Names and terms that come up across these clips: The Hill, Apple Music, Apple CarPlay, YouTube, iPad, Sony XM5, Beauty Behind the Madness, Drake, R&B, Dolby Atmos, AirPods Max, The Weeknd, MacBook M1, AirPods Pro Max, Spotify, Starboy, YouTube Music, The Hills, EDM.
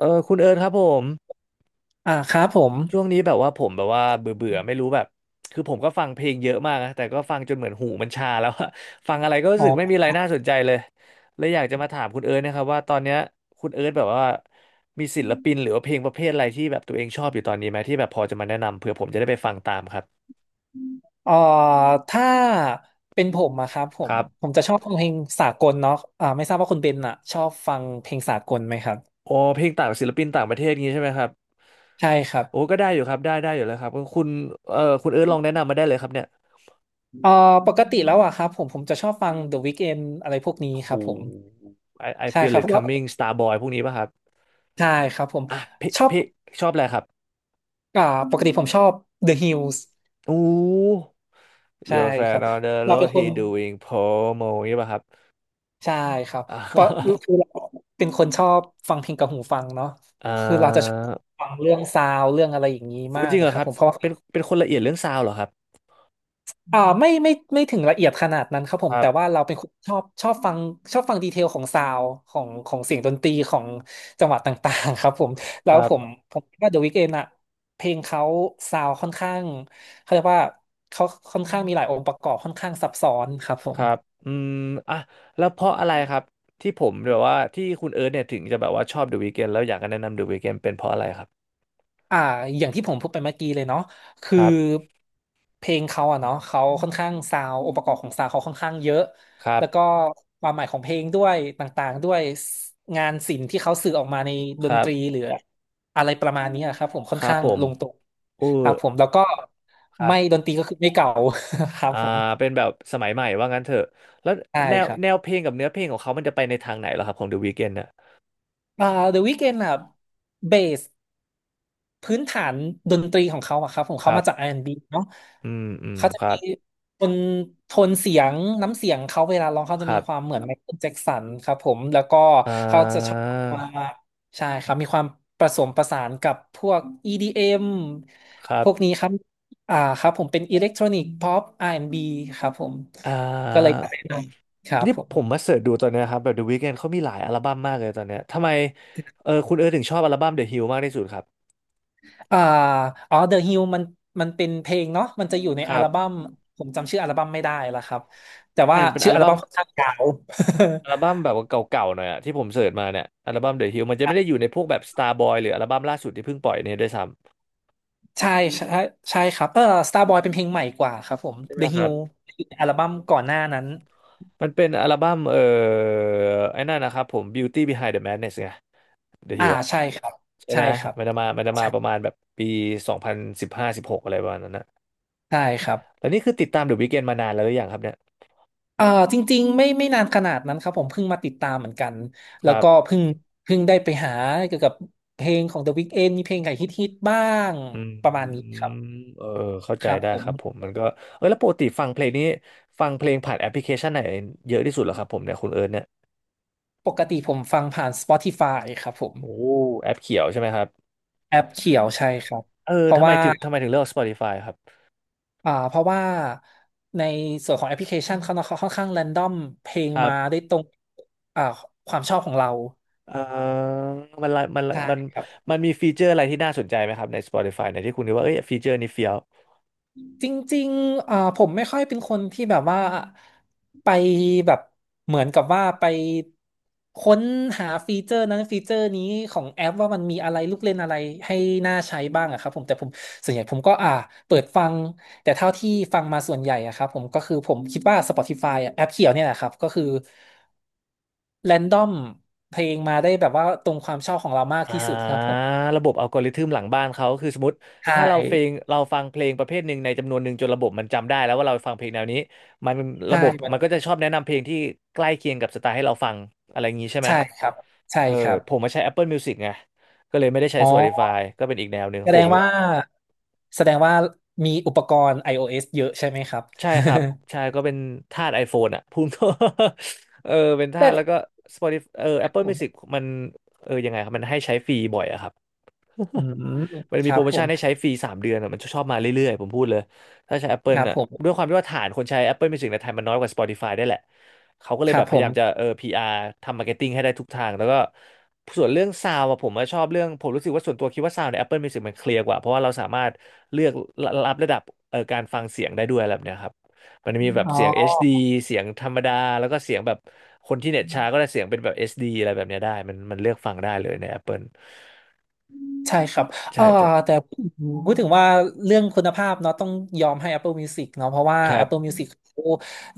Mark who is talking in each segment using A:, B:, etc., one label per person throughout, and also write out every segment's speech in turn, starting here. A: คุณเอิร์ธครับผม
B: อ่าครับผม
A: ช่วงนี้แบบว่าผมแบบว่าเบื่อเบื่อไม่รู้แบบคือผมก็ฟังเพลงเยอะมากนะแต่ก็ฟังจนเหมือนหูมันชาแล้วอะ ฟังอะไรก็รู้
B: อ๋
A: สึกไม่มี
B: อ
A: อะไรน่าสนใจเลยเลยอยากจะมาถามคุณเอิร์ธนะครับว่าตอนเนี้ยคุณเอิร์ธแบบว่ามีศิลปินหรือว่าเพลงประเภทอะไรที่แบบตัวเองชอบอยู่ตอนนี้ไหมที่แบบพอจะมาแนะนำเผื่อผมจะได้ไปฟังตามครับ
B: เอ่อถ้าเป็นผมอะครับผ
A: ค
B: ม
A: รั
B: ผ
A: บ
B: มจะชอบฟังเพลงสากลเนาะไม่ทราบว่าคุณเบนอะชอบฟังเพลงสากลไหมครับ
A: โอ้เพลงต่างศิลปินต่างประเทศงี้ใช่ไหมครับ
B: ใช่ครับ
A: โอ้ก็ได้อยู่ครับได้อยู่แล้วครับคุณคุณเอิร์ธลองแนะนำมาได้เลยครับเนี่ย
B: เอ่อปกติแล้วอะครับผมจะชอบฟัง The Weeknd อะไรพวกนี้
A: โอ้โห
B: ครับผม
A: I I
B: ใช่ค
A: feel
B: รับ
A: it
B: เพราะว่า
A: coming Starboy พวกนี้ป่ะครับ
B: ใช่ครับผม
A: อ่ะพี่
B: ชอบ
A: พี่ชอบอะไรครับ
B: อ่าปกติผมชอบ The Hills
A: อู้
B: ใช่
A: Your
B: ครั
A: fan
B: บ
A: on the
B: เราเป็น
A: road
B: ค
A: he
B: น
A: doing promo นี่ป่ะครับ
B: ใช่ครับ
A: อ่า
B: เพราะ คือเราเป็นคนชอบฟังเพลงกับหูฟังเนาะ
A: เอ่
B: คือเราจะชอ
A: อ
B: บฟังเรื่องซาวด์เรื่องอะไรอย่างนี้
A: โอ้
B: มา
A: จ
B: ก
A: ริงเห
B: อะ
A: รอ
B: ครั
A: ค
B: บ
A: รับ
B: ผมเพราะว่า
A: เป็นคนละเอียดเรื่องซาวด์เหรอครับ
B: ไม่ถึงละเอียดขนาดนั้นครับผ
A: ค
B: ม
A: รับ
B: แต่ว่าเราเป็นคนชอบฟังชอบฟังดีเทลของซาวด์ของเสียงดนตรีของจังหวะต่างๆครับผมแล้
A: ค
B: ว
A: รั
B: ผม
A: บ
B: ผมคิดว่า The Weeknd อะเพลงเขาซาวด์ค่อนข้างเขาเรียกว่าเขาค่อนข้างมีหลายองค์ประกอบค่อนข้างซับซ้อนครับผ
A: ค
B: ม
A: รับอืมอ่ะแล้วเพราะอะไรครับที่ผมแบบว่าที่คุณเอิร์ธเนี่ยถึงจะแบบว่าชอบ The Weeknd แล้วอยากจะแนะนำ The Weeknd เป็นเพราะอะไรครับ
B: อ่าอย่างที่ผมพูดไปเมื่อกี้เลยเนาะ
A: ค
B: คือ
A: รับ
B: เพลงเขาอะเนาะเขาค่อนข้างซาวองค์ประกอบของซาวเขาค่อนข้างเยอะ
A: ครับ
B: แล้วก็ความหมายของเพลงด้วยต่างๆด้วยงานศิลป์ที่เขาสื่อออกมาในด
A: ค
B: น
A: รั
B: ตรี
A: บ
B: หรืออะไรประมาณนี้อะครับผมค่อ
A: ค
B: น
A: รับ
B: ข้าง
A: ผม
B: ลงตัว
A: อู้
B: ครับผมแล้วก็
A: ครับ
B: ไม่ดนตรีก็คือไม่เก่า ครับ
A: อ่า
B: ผม
A: เป็นแบบสมัยใหม่ว่างั้นเถอะแล้ว
B: ใช่
A: แนว
B: ครับ
A: แนวเพลงกับเนื้อเพลงของเขามันจะไปในทางไหนเหรอครับของ The Weeknd น่ะ
B: อ่า The Weeknd อะเบส พื้นฐานดนตรีของเขาอะครับของ
A: ค
B: เขา
A: รั
B: มาจาก
A: บ
B: R&B เนาะ
A: อืมอืม
B: เขาจะ
A: ครั
B: มี
A: บ
B: โทนโทนเสียงน้ำเสียงเขาเวลาร้องเขา
A: ค
B: จะมี
A: รับ
B: ความเหมือนไมเคิลแจ็กสันครับผมแล้วก็
A: อ่
B: เขาจะชอบ
A: า
B: มาใช่ครับมีความผสมประสานกับพวก EDM
A: ครั
B: พ
A: บ
B: วกนี้ครับครับผมเป็นอิเล็กทรอนิกส์ p ๊อป R&B ครับผม
A: อ่
B: ก็เลยอ
A: า
B: ยากแนะนำครับ
A: นี่
B: ผม
A: ผมมาเสิร์ชดูตอนเนี้ยครับแบบ The Weeknd เขามีหลายอัลบั้มมากเลยตอนเนี้ยทำไมอคุณถึงชอบอัลบั้ม The Hill มากที่สุดครับ
B: อ่าอ๋อ The Hill มันมันเป็นเพลงเนาะมันจะอยู่ใน
A: ค
B: อั
A: รั
B: ลบั้
A: บ
B: มผมจำชื่ออัลบั้มไม่ได้และครับแต่
A: ใช่
B: ว่า
A: มันเป็น
B: ชื่
A: อั
B: อ
A: ล
B: อัล
A: บั้ม
B: บั้มค่อนข้างยาว
A: อัลบั้ม แบบว่าเก่าๆหน่อยอะที่ผมเสิร์ชมาเนี่ยอัลบั้ม The Hill มันจะไม่ได้อยู่ในพวกแบบ Starboy หรืออัลบั้มล่าสุดที่เพิ่งปล่อยเนี่ยด้วยซ้
B: ใช่ใช่ใช่ครับเออ Starboy เป็นเพลงใหม่กว่าครับผม
A: ำใช่ไหม
B: The
A: ครับ
B: Hill อยู่ในอัลบั้มก่อนหน้านั้น
A: มันเป็นอัลบั้มไอ้นั่นนะครับผม Beauty Behind the Madness ไง The Hill อะ
B: ใช่ครับ
A: ใช่
B: ใช่
A: ไหม
B: ครับ
A: มันจะมาประ
B: ใช่
A: มาณแบบปี2015-2016อะไรประมาณนั้นนะ
B: ใช่ครับ
A: แล้วนี่คือติดตาม The Weeknd มานานแล้วหรือยังครับเนี่ย
B: เออจริงๆไม่นานขนาดนั้นครับผมเพิ่งมาติดตามเหมือนกัน
A: ค
B: แล้ว
A: รั
B: ก็
A: บ
B: เพิ่งได้ไปหาเกี่ยวกับเพลงของ The Weeknd มีเพลงไหนฮิตๆบ้าง
A: อื
B: ประมาณนี้
A: ม
B: ครับ
A: เออเข้าใจ
B: ครับ
A: ได้
B: ผ
A: ค
B: ม
A: รับผมมันก็แล้วปกติฟังเพลงนี้ฟังเพลงผ่านแอปพลิเคชันไหนเยอะที่สุดเหรอครับผมเนี่ยคุณเอิร์ธเนี่ย
B: ปกติผมฟังผ่าน Spotify ครับผม
A: โอ้แอปเขียวใช่ไหมครับ
B: แอปเขียวใช่ครับ
A: เออ
B: เพราะ
A: ทำไม
B: ว่า
A: ถึงทำไมถึงเลือก Spotify ครับ
B: เพราะว่าในส่วนของแอปพลิเคชันเขาค่อนข้างแรนดอมเพลง
A: ครั
B: มา
A: บ
B: ได้ตรงอ่าความชอบของเรา
A: เอ่อ
B: ใช่
A: มัน
B: ครับ
A: มันมีฟีเจอร์อะไรที่น่าสนใจไหมครับใน Spotify ในที่คุณคิดว่าเอ้ยฟีเจอร์นี้เฟี้ยว
B: จริงๆผมไม่ค่อยเป็นคนที่แบบว่าไปแบบเหมือนกับว่าไปค้นหาฟีเจอร์นั้นฟีเจอร์นี้ของแอปว่ามันมีอะไรลูกเล่นอะไรให้น่าใช้บ้างอะครับผมแต่ผมส่วนใหญ่ผมก็เปิดฟังแต่เท่าที่ฟังมาส่วนใหญ่อะครับผมก็คือผมคิดว่า Spotify อะแอปเขียวเนี่ยแหละครับก็คือแรนดอมเพลงมาได้แบบว่าตรงความชอบของเรามาก
A: อ่
B: ที่สุดครับ
A: า
B: ผม
A: ระบบอัลกอริทึมหลังบ้านเขาคือสมมติ
B: ใช่
A: ถ้าเราเพลงเราฟังเพลงประเภทหนึ่งในจำนวนหนึ่งจนระบบมันจำได้แล้วว่าเราฟังเพลงแนวนี้มัน
B: ใช่
A: ระบบ
B: มัน
A: มันก็จะชอบแนะนำเพลงที่ใกล้เคียงกับสไตล์ให้เราฟังอะไรอย่างนี้ใช่ไหม
B: ใช่ครับใช่
A: เออ
B: ครับ
A: ผมมาใช้ Apple Music ไงก็เลยไม่ได้ใช้
B: อ๋อ
A: Spotify ก็เป็นอีกแนวหนึ่ง
B: แสด
A: ผม
B: งว่าแสดงว่ามีอุปกรณ์ iOS เยอะใช่ไหมครับ
A: ใช่ครับใช่ก็เป็นทาส iPhone อ่ะ พูดตรง เป็น ทา
B: แต่
A: สแล้วก็ Spotify
B: ผ
A: Apple Music
B: ม
A: มันยังไงครับมันให้ใช้ฟรีบ่อยอะครับ
B: อืม
A: มัน
B: ค
A: มี
B: รั
A: โปร
B: บ
A: โม
B: ผ
A: ชั่น
B: ม
A: ให้ใช้ฟรี3 เดือนอะมันชอบมาเรื่อยๆผมพูดเลยถ้าใช้
B: ค
A: Apple
B: รับ
A: อ่ะ
B: ผม
A: ด้วยความที่ว่าฐานคนใช้ Apple Music ในไทยมันน้อยกว่า Spotify ได้แหละเขาก็เล
B: ค
A: ยแบ
B: รับ
A: บพ
B: ผ
A: ยายามจะ
B: ม
A: PR ทำมาร์เก็ตติ้งให้ได้ทุกทางแล้วก็ส่วนเรื่องซาวอะผมอะชอบเรื่องผมรู้สึกว่าส่วนตัวคิดว่าซาวใน Apple Music มันเคลียร์กว่าเพราะว่าเราสามารถเลือกรับระดับการฟังเสียงได้ด้วยอะไรแบบเนี้ยครับมันมีแบบ
B: อ๋อ
A: เสียง HD เสียงธรรมดาแล้วก็เสียงแบบคนที่เน็ตช้าก็ได้เสียงเป็นแบบเอสดีอะไรแบบเนี้ยได้มันมันเลือกฟังได้เลยใน Apple
B: ใช่ครับ
A: ใช่
B: เอ่อ
A: ใช่
B: แต่พูดถึงว่าเรื่องคุณภาพเนาะต้องยอมให้ Apple Music เนาะเพราะว่า
A: ครั
B: Apple
A: บ
B: Music เขา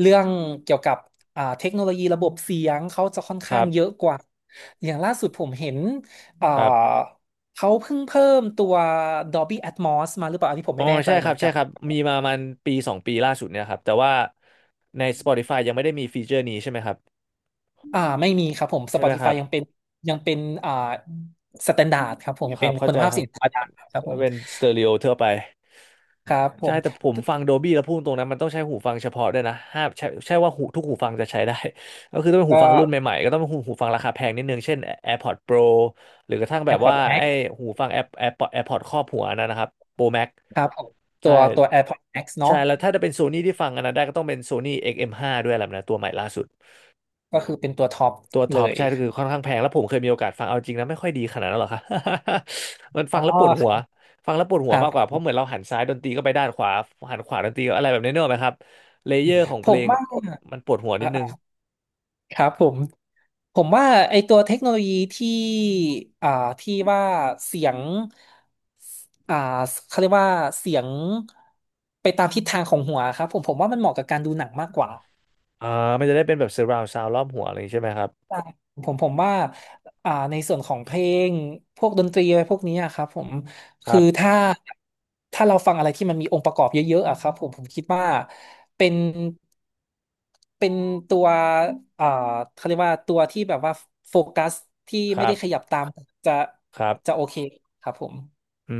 B: เรื่องเกี่ยวกับเทคโนโลยีระบบเสียงเขาจะค่อน
A: ค
B: ข้า
A: รั
B: งเยอะ
A: บ
B: กว่าอย่างล่าสุดผมเห็นอ่า
A: ครับ
B: เขาเพิ่งเพิ่มตัว Dolby Atmos มาหรือเปล่าอันนี้ผม
A: อ๋อ
B: ไม่แน่ใจ
A: ใช่ค
B: เหมื
A: รั
B: อ
A: บ
B: น
A: ใช่
B: กัน
A: ครับมีมาประมันปีสองปีล่าสุดเนี่ยครับแต่ว่าใน Spotify ยังไม่ได้มีฟีเจอร์นี้ใช่ไหมครับ
B: ไม่มีครับผม
A: ใช่ไหมครั
B: Spotify
A: บ
B: ยังเป็นยังเป็นอ่าสแตนดาร์ดครับผมยั
A: ค
B: ง
A: รั
B: เป็
A: บ
B: น
A: เข้า
B: คุณ
A: ใจ
B: ภาพ
A: ค
B: เสิ
A: รับ
B: นค้าดังครับ
A: ก็
B: ผม
A: เป็นสเตอริโอทั่วไป
B: ครับผ
A: ใช่
B: ม
A: แต่ผมฟัง Dolby แล้วพูดตรงนั้นมันต้องใช้หูฟังเฉพาะด้วยนะห้ามใช่ว่าหูทุกหูฟังจะใช้ได้ ก็คือต้องเป็นหู
B: ก็
A: ฟังรุ่นใหม่ๆก็ต้องเป็นหูฟังราคาแพงนิดนึงเช่น AirPods Pro หรือกระทั่งแบบว่า
B: AirPods
A: ไอ้
B: Max
A: หูฟัง AirPods ครอบหัวนั่นนะครับ Pro Max
B: ครับผมตั
A: ใช่
B: วตัว AirPods Max
A: ใช่
B: เนาะ
A: แล้วถ้าจะเป็นโซนี่ที่ฟังอันนั้นได้ก็ต้องเป็นโซนี่ XM5 ด้วยแหละนะตัวใหม่ล่าสุด
B: ก็คือเป็นตัวท็อป
A: ตัวท็
B: เล
A: อป
B: ย
A: ใช่ก็คือค่อนข้างแพงแล้วผมเคยมีโอกาสฟังเอาจริงนะไม่ค่อยดีขนาดนั้นหรอก ค่ะ มัน
B: อ๋
A: ฟั
B: อ
A: งแล้วปวด
B: ค
A: หัว
B: รับ
A: ฟังแล้วปวดหั
B: ค
A: ว
B: รั
A: มากกว่าเพ
B: บ
A: ราะเหมือนเราหันซ้ายดนตรีก็ไปด้านขวาหันขวาดนตรีก็อะไรแบบนี้เนกอะไหมครับเลเยอร์ของ
B: ผ
A: เพล
B: ม
A: ง
B: ว่า
A: มันปวดหัวนิ
B: อ่า
A: ดนึง
B: อ่าครับผมผมว่าไอตัวเทคโนโลยีที่อ่าที่ว่าเสียงอ่าเขาเรียกว่าเสียงไปตามทิศทางของหัวครับผมผมว่ามันเหมาะกับการดูหนังมากกว่า
A: อ่ามันจะได้เป็นแบบ surround sound รอบหัวอะไรอย่างนี้ใช่ไหมครับ
B: ใช่ผมผมว่าในส่วนของเพลงพวกดนตรีอะไรพวกนี้อะครับผม
A: ค
B: คื
A: รั
B: อ
A: บ
B: ถ้าเราฟังอะไรที่มันมีองค์ประกอบเยอะๆอะครับผมผมคิดว่าเป็นเป็นตัวอ่าเขาเรียกว่าตัวที่แบบว่าโฟกัสที่
A: ค
B: ไม่
A: รับ
B: ได้ขยับตามจะ
A: ครับ
B: จะโอเคครับผม
A: อื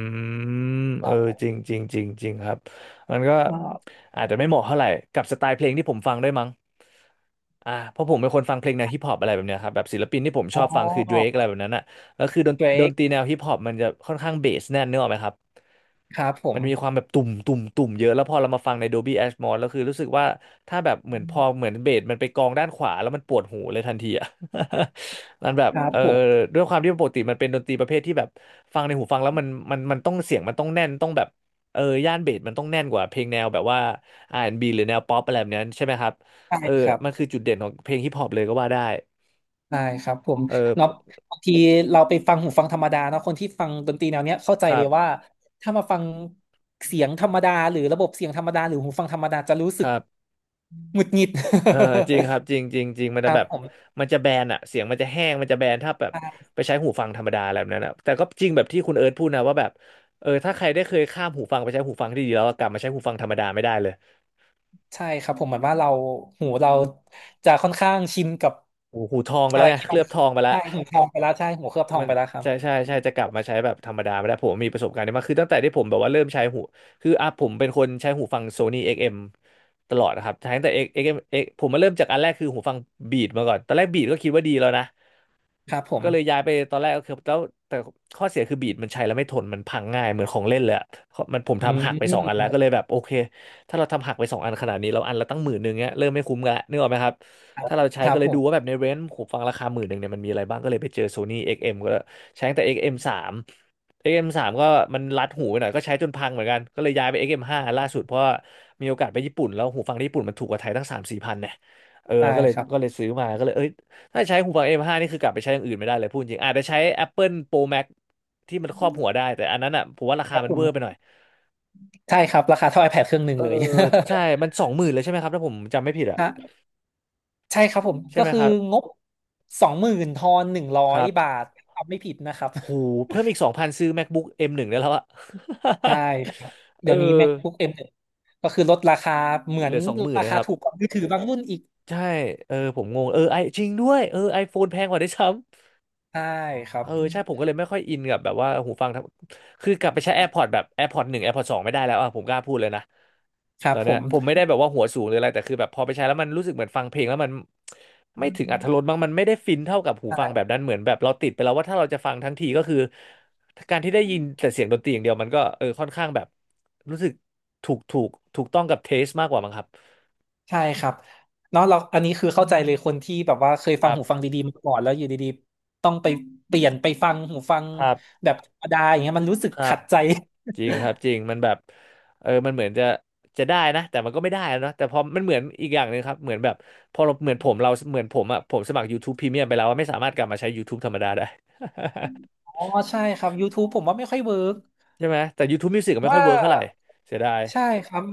A: ม
B: ค
A: เออ
B: รับ
A: จริงจริงครับมันก็
B: อ่า
A: อาจจะไม่เหมาะเท่าไหร่กับสไตล์เพลงที่ผมฟังด้วยมั้งเพราะผมเป็นคนฟังเพลงแนวฮิปฮอปอะไรแบบเนี้ยครับแบบศิลปินที่ผมช
B: อ๋
A: อบฟังคือ Drake
B: อ
A: อะไรแบบนั้นอ่ะแล้วคือดน
B: เบร
A: ดน
B: ก
A: ตรีแนวฮิปฮอปมันจะค่อนข้างเบสแน่นเนกอะไหมครับ
B: ครับผ
A: มั
B: ม
A: นมีความแบบตุ่มตุ่มเยอะแล้วพอเรามาฟังใน Dolby Atmos แล้วคือรู้สึกว่าถ้าแบบเหมือนพอเหมือนเบสมันไปกองด้านขวาแล้วมันปวดหูเลยทันทีอ่ะ มันแบบ
B: ครับ
A: เออ
B: ผม
A: ด้วยความที่ปกติมันเป็นดนตรีประเภทที่แบบฟังในหูฟังแล้วมันต้องเสียงมันต้องแน่นต้องแบบเออย่านเบสมันต้องแน่นกว่าเพลงแนวแบบว่าอาร์แอนด์บีหรือแนวป๊อปอะไรแบบนั้นใช่ไหมครับ
B: ใช่
A: เออ
B: ครับ
A: มันคือจุดเด่นของเพลงฮิปฮอปเลยก็ว่าได้
B: ได้ครับผม
A: เออ
B: เนาะบางทีเราไปฟังหูฟังธรรมดาเนาะคนที่ฟังดนตรีแนวเนี้ยเข้าใจ
A: ครั
B: เล
A: บ
B: ยว่าถ้ามาฟังเสียงธรรมดาหรือระบบเสียงธรรมดาหรือหูฟังธรรมดาจะรู้
A: ค
B: สึก
A: รับ
B: หงุดหงิด
A: เออจริงครับจริงจริงจริงมัน
B: ค
A: จะ
B: รั
A: แบ
B: บ
A: บ
B: ผม
A: มันจะแบนอะเสียงมันจะแห้งมันจะแบนถ้าแบบ
B: ใช่
A: ไปใช้หูฟังธรรมดาอะไรแบบนั้นอะแต่ก็จริงแบบที่คุณเอิร์ธพูดนะว่าแบบเออถ้าใครได้เคยข้ามหูฟังไปใช้หูฟังที่ดีแล้วกลับมาใช้หูฟังธรรมดาไม่ได้เลย
B: ใช่ครับผมเหมือนว่าเราหูเราจะค่อนข้างชินกับ
A: หูทองไป
B: อะ
A: แล้ว
B: ไร
A: ไง
B: ที่
A: เค
B: มั
A: ลื
B: น
A: อบทองไปแล้ว
B: ใช่หูทองไปแล้วใช่หูเคลือบทอง
A: มัน
B: ไปแล้วครับ
A: ใช่ใช่ใช่จะกลับมาใช้แบบธรรมดาไม่ได้ผมมีประสบการณ์นี้มากคือตั้งแต่ที่ผมแบบว่าเริ่มใช้หูคืออ่ะผมเป็นคนใช้หูฟัง Sony XM ตลอดนะครับใช้ตั้งแต่ XM X ผมมาเริ่มจากอันแรกคือหูฟังบีดมาก่อนตอนแรกบีดก็คิดว่าดีแล้วนะ
B: ครับผม
A: ก็เลยย้ายไปตอนแรกก็คือแล้วแต่ข้อเสียคือบีดมันใช้แล้วไม่ทนมันพังง่ายเหมือนของเล่นเลยอะมันผม
B: อื
A: ทำหักไปสองอันแล้ว
B: ม
A: ก็เลยแบบโอเคถ้าเราทำหักไปสองอันขนาดนี้เราอันละตั้งหมื่นหนึ่งเงี้ยเริ่มไม่คุ้มกันละนึกออกไหมครับ
B: ครับ
A: ถ้าเราใช้
B: ครั
A: ก็
B: บ
A: เลย
B: ผ
A: ดูว่าแบ
B: ม
A: บในเรนจ์ผมฟังราคาหมื่นหนึ่งเนี่ยมันมีอะไรบ้างก็เลยไปเจอ Sony XM กซ์เอ็มก็ใช้ตั้งแต่ XM สามเอ็กซ์เอ็มสามก็มันรัดหูไปหน่อยก็ใช้จนพังเหมือนกันก็เลยย้ายไปเอ็กซ์เอ็มห้าล่าสุดเพราะว่ามีโอกาสไปญี่ปุ่นแล้วหูฟังที่ญี่ปุ่นมันถูกกว่าไทยตั้งสามสี่พันเนี่ยเออ
B: ได้
A: ก็เลย
B: ครับ
A: ก็เลยซื้อมาก็เลยเอ้ย ถ้าใช้หูฟัง M5 นี่คือกลับไปใช้อย่างอื่นไม่ได้เลยพูดจริงอาจจะใช้ Apple Pro Max ที่มันครอบหัวได้แต่อันนั้นอ่ะผมว่ารา
B: ค
A: คา
B: รับ
A: มั
B: ผ
A: นเวอร์ไปหน่อ
B: ม
A: ย
B: ใช่ครับราคาเท่า iPad เครื่องหนึ่
A: เอ
B: ง
A: อ
B: เลย
A: ใช่มันสองหมื่นเลยใช่ไหมครับถ้าผมจำไม่ผิดอ่ะ
B: ฮะ ใช่ครับผม
A: ใช่
B: ก็
A: ไหม
B: คื
A: ค
B: อ
A: รับ
B: งบสองหมื่นทอนหนึ่งร้อ
A: ค
B: ย
A: รับ
B: บาททำไม่ผิดนะครับ
A: โหูเพิ่มอีกสองพันซื้อ MacBook M1 ได้แล้วอ่ะ
B: ใช่ครับ
A: เอ
B: เดี๋
A: อ
B: ยวนี้ MacBook M1 ก็คือลดราคาเหมือ
A: เห
B: น
A: ลือสองหมื่น
B: รา
A: นะ
B: คา
A: ครับ
B: ถูกกว่ามือถือบางรุ่นอีก
A: ใช่เออผมงงเออไอจริงด้วยเออ iPhone แพงกว่าได้วยซ้
B: ใช่ครั
A: เอ
B: บ
A: อใช่ผมก็เลยไม่ค่อยอินกับแบบว่าหูฟังทั้งคือกลับไปใช้ AirPods แบบ AirPods หนึ่ง AirPods สองไม่ได้แล้วอ่ะผมกล้าพูดเลยนะ
B: ครั
A: ต
B: บ
A: อน
B: ผ
A: เนี้ย
B: ม
A: ผมไม่ได้แบบว่าหัวสูงหรืออะไรแต่คือแบบพอไปใช้แล้วมันรู้สึกเหมือนฟังเพลงแล้วมันไม่ถึงอรรถรสบ้างมันไม่ได้ฟินเท่ากับหูฟังแบบ
B: ใช่
A: นั้นเหมือนแบบเราติดไปแล้วว่าถ้าเราจะฟังทั้งทีก็คือการที่ได้ยินแต่เสียงดนตรีอย่างเดียวมันก็เออค่อนข้างแบบรู้สึกถูกถูกถูกต้องกับเทสมากกว่ามั้งครับ
B: ใช่ครับเนาะเราอันนี้คือเข้าใจเลยคนที่แบบว่าเคย
A: ค
B: ฟัง
A: รั
B: หูฟัง
A: บ
B: ดีๆมาก่อนแล้วอยู่ดีๆต้องไปเปลี่ยนไปฟังหูฟัง
A: ครับ
B: แบบธรรมดาอย่างเงี้ยมันรู้สึก
A: ครับ
B: ขัดใจ
A: จริงครับจริงมันแบบเออมันเหมือนจะจะได้นะแต่มันก็ไม่ได้นะเนาะแต่พอมันเหมือนอีกอย่างหนึ่งครับเหมือนแบบพอเราเหมือนผมเราเหมือนผมอ่ะผมสมัคร YouTube Premium ไปแล้วอะไม่สามารถกลับมาใช้ YouTube ธรรมดาได้
B: อ๋อใช่ครับ YouTube ผมว่าไม่ค่อยเวิร์ก
A: ใช่ไหมแต่ YouTube Music ก็ไม่ค่อ
B: ว่า
A: ยเวิร์กเท่าไหร่เสียดาย
B: ใช่ครับ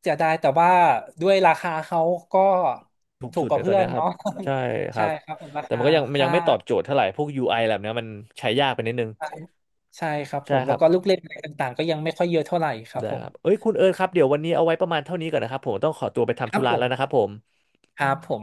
B: เสียดายแต่ว่าด้วยราคาเขาก็
A: ถูก
B: ถู
A: สุ
B: ก
A: ด
B: ก
A: เล
B: ว่า
A: ยตอ
B: เพื่
A: น
B: อ
A: เนี้
B: น
A: ยครับ
B: เนาะ
A: ใช่ ค
B: ใช่
A: รับ
B: ครับรา
A: แต่มั
B: คา
A: นก็ยังมันยั
B: ค่า
A: งไม่ตอบโจทย์เท่าไหร่พวก UI แบบเนี้ยมันใช้ยากไปนิดนึง
B: ใช่ครับผ
A: ใช่
B: ม
A: ค
B: แล้
A: รั
B: ว
A: บ
B: ก็ลูกเล่นอะไรต่างๆก็ยังไม่ค่อยเยอะเท่าไหร่ครับ
A: ได้
B: ผ
A: ค
B: ม
A: รับเอ้ยคุณเอิร์ธครับเดี๋ยววันนี้เอาไว้ประมาณเท่านี้ก่อนนะครับผมต้องขอตัวไป
B: ค
A: ทำ
B: รั
A: ธุ
B: บ
A: ระ
B: ผ
A: แล้วนะครั
B: ม
A: บผม
B: ครับผม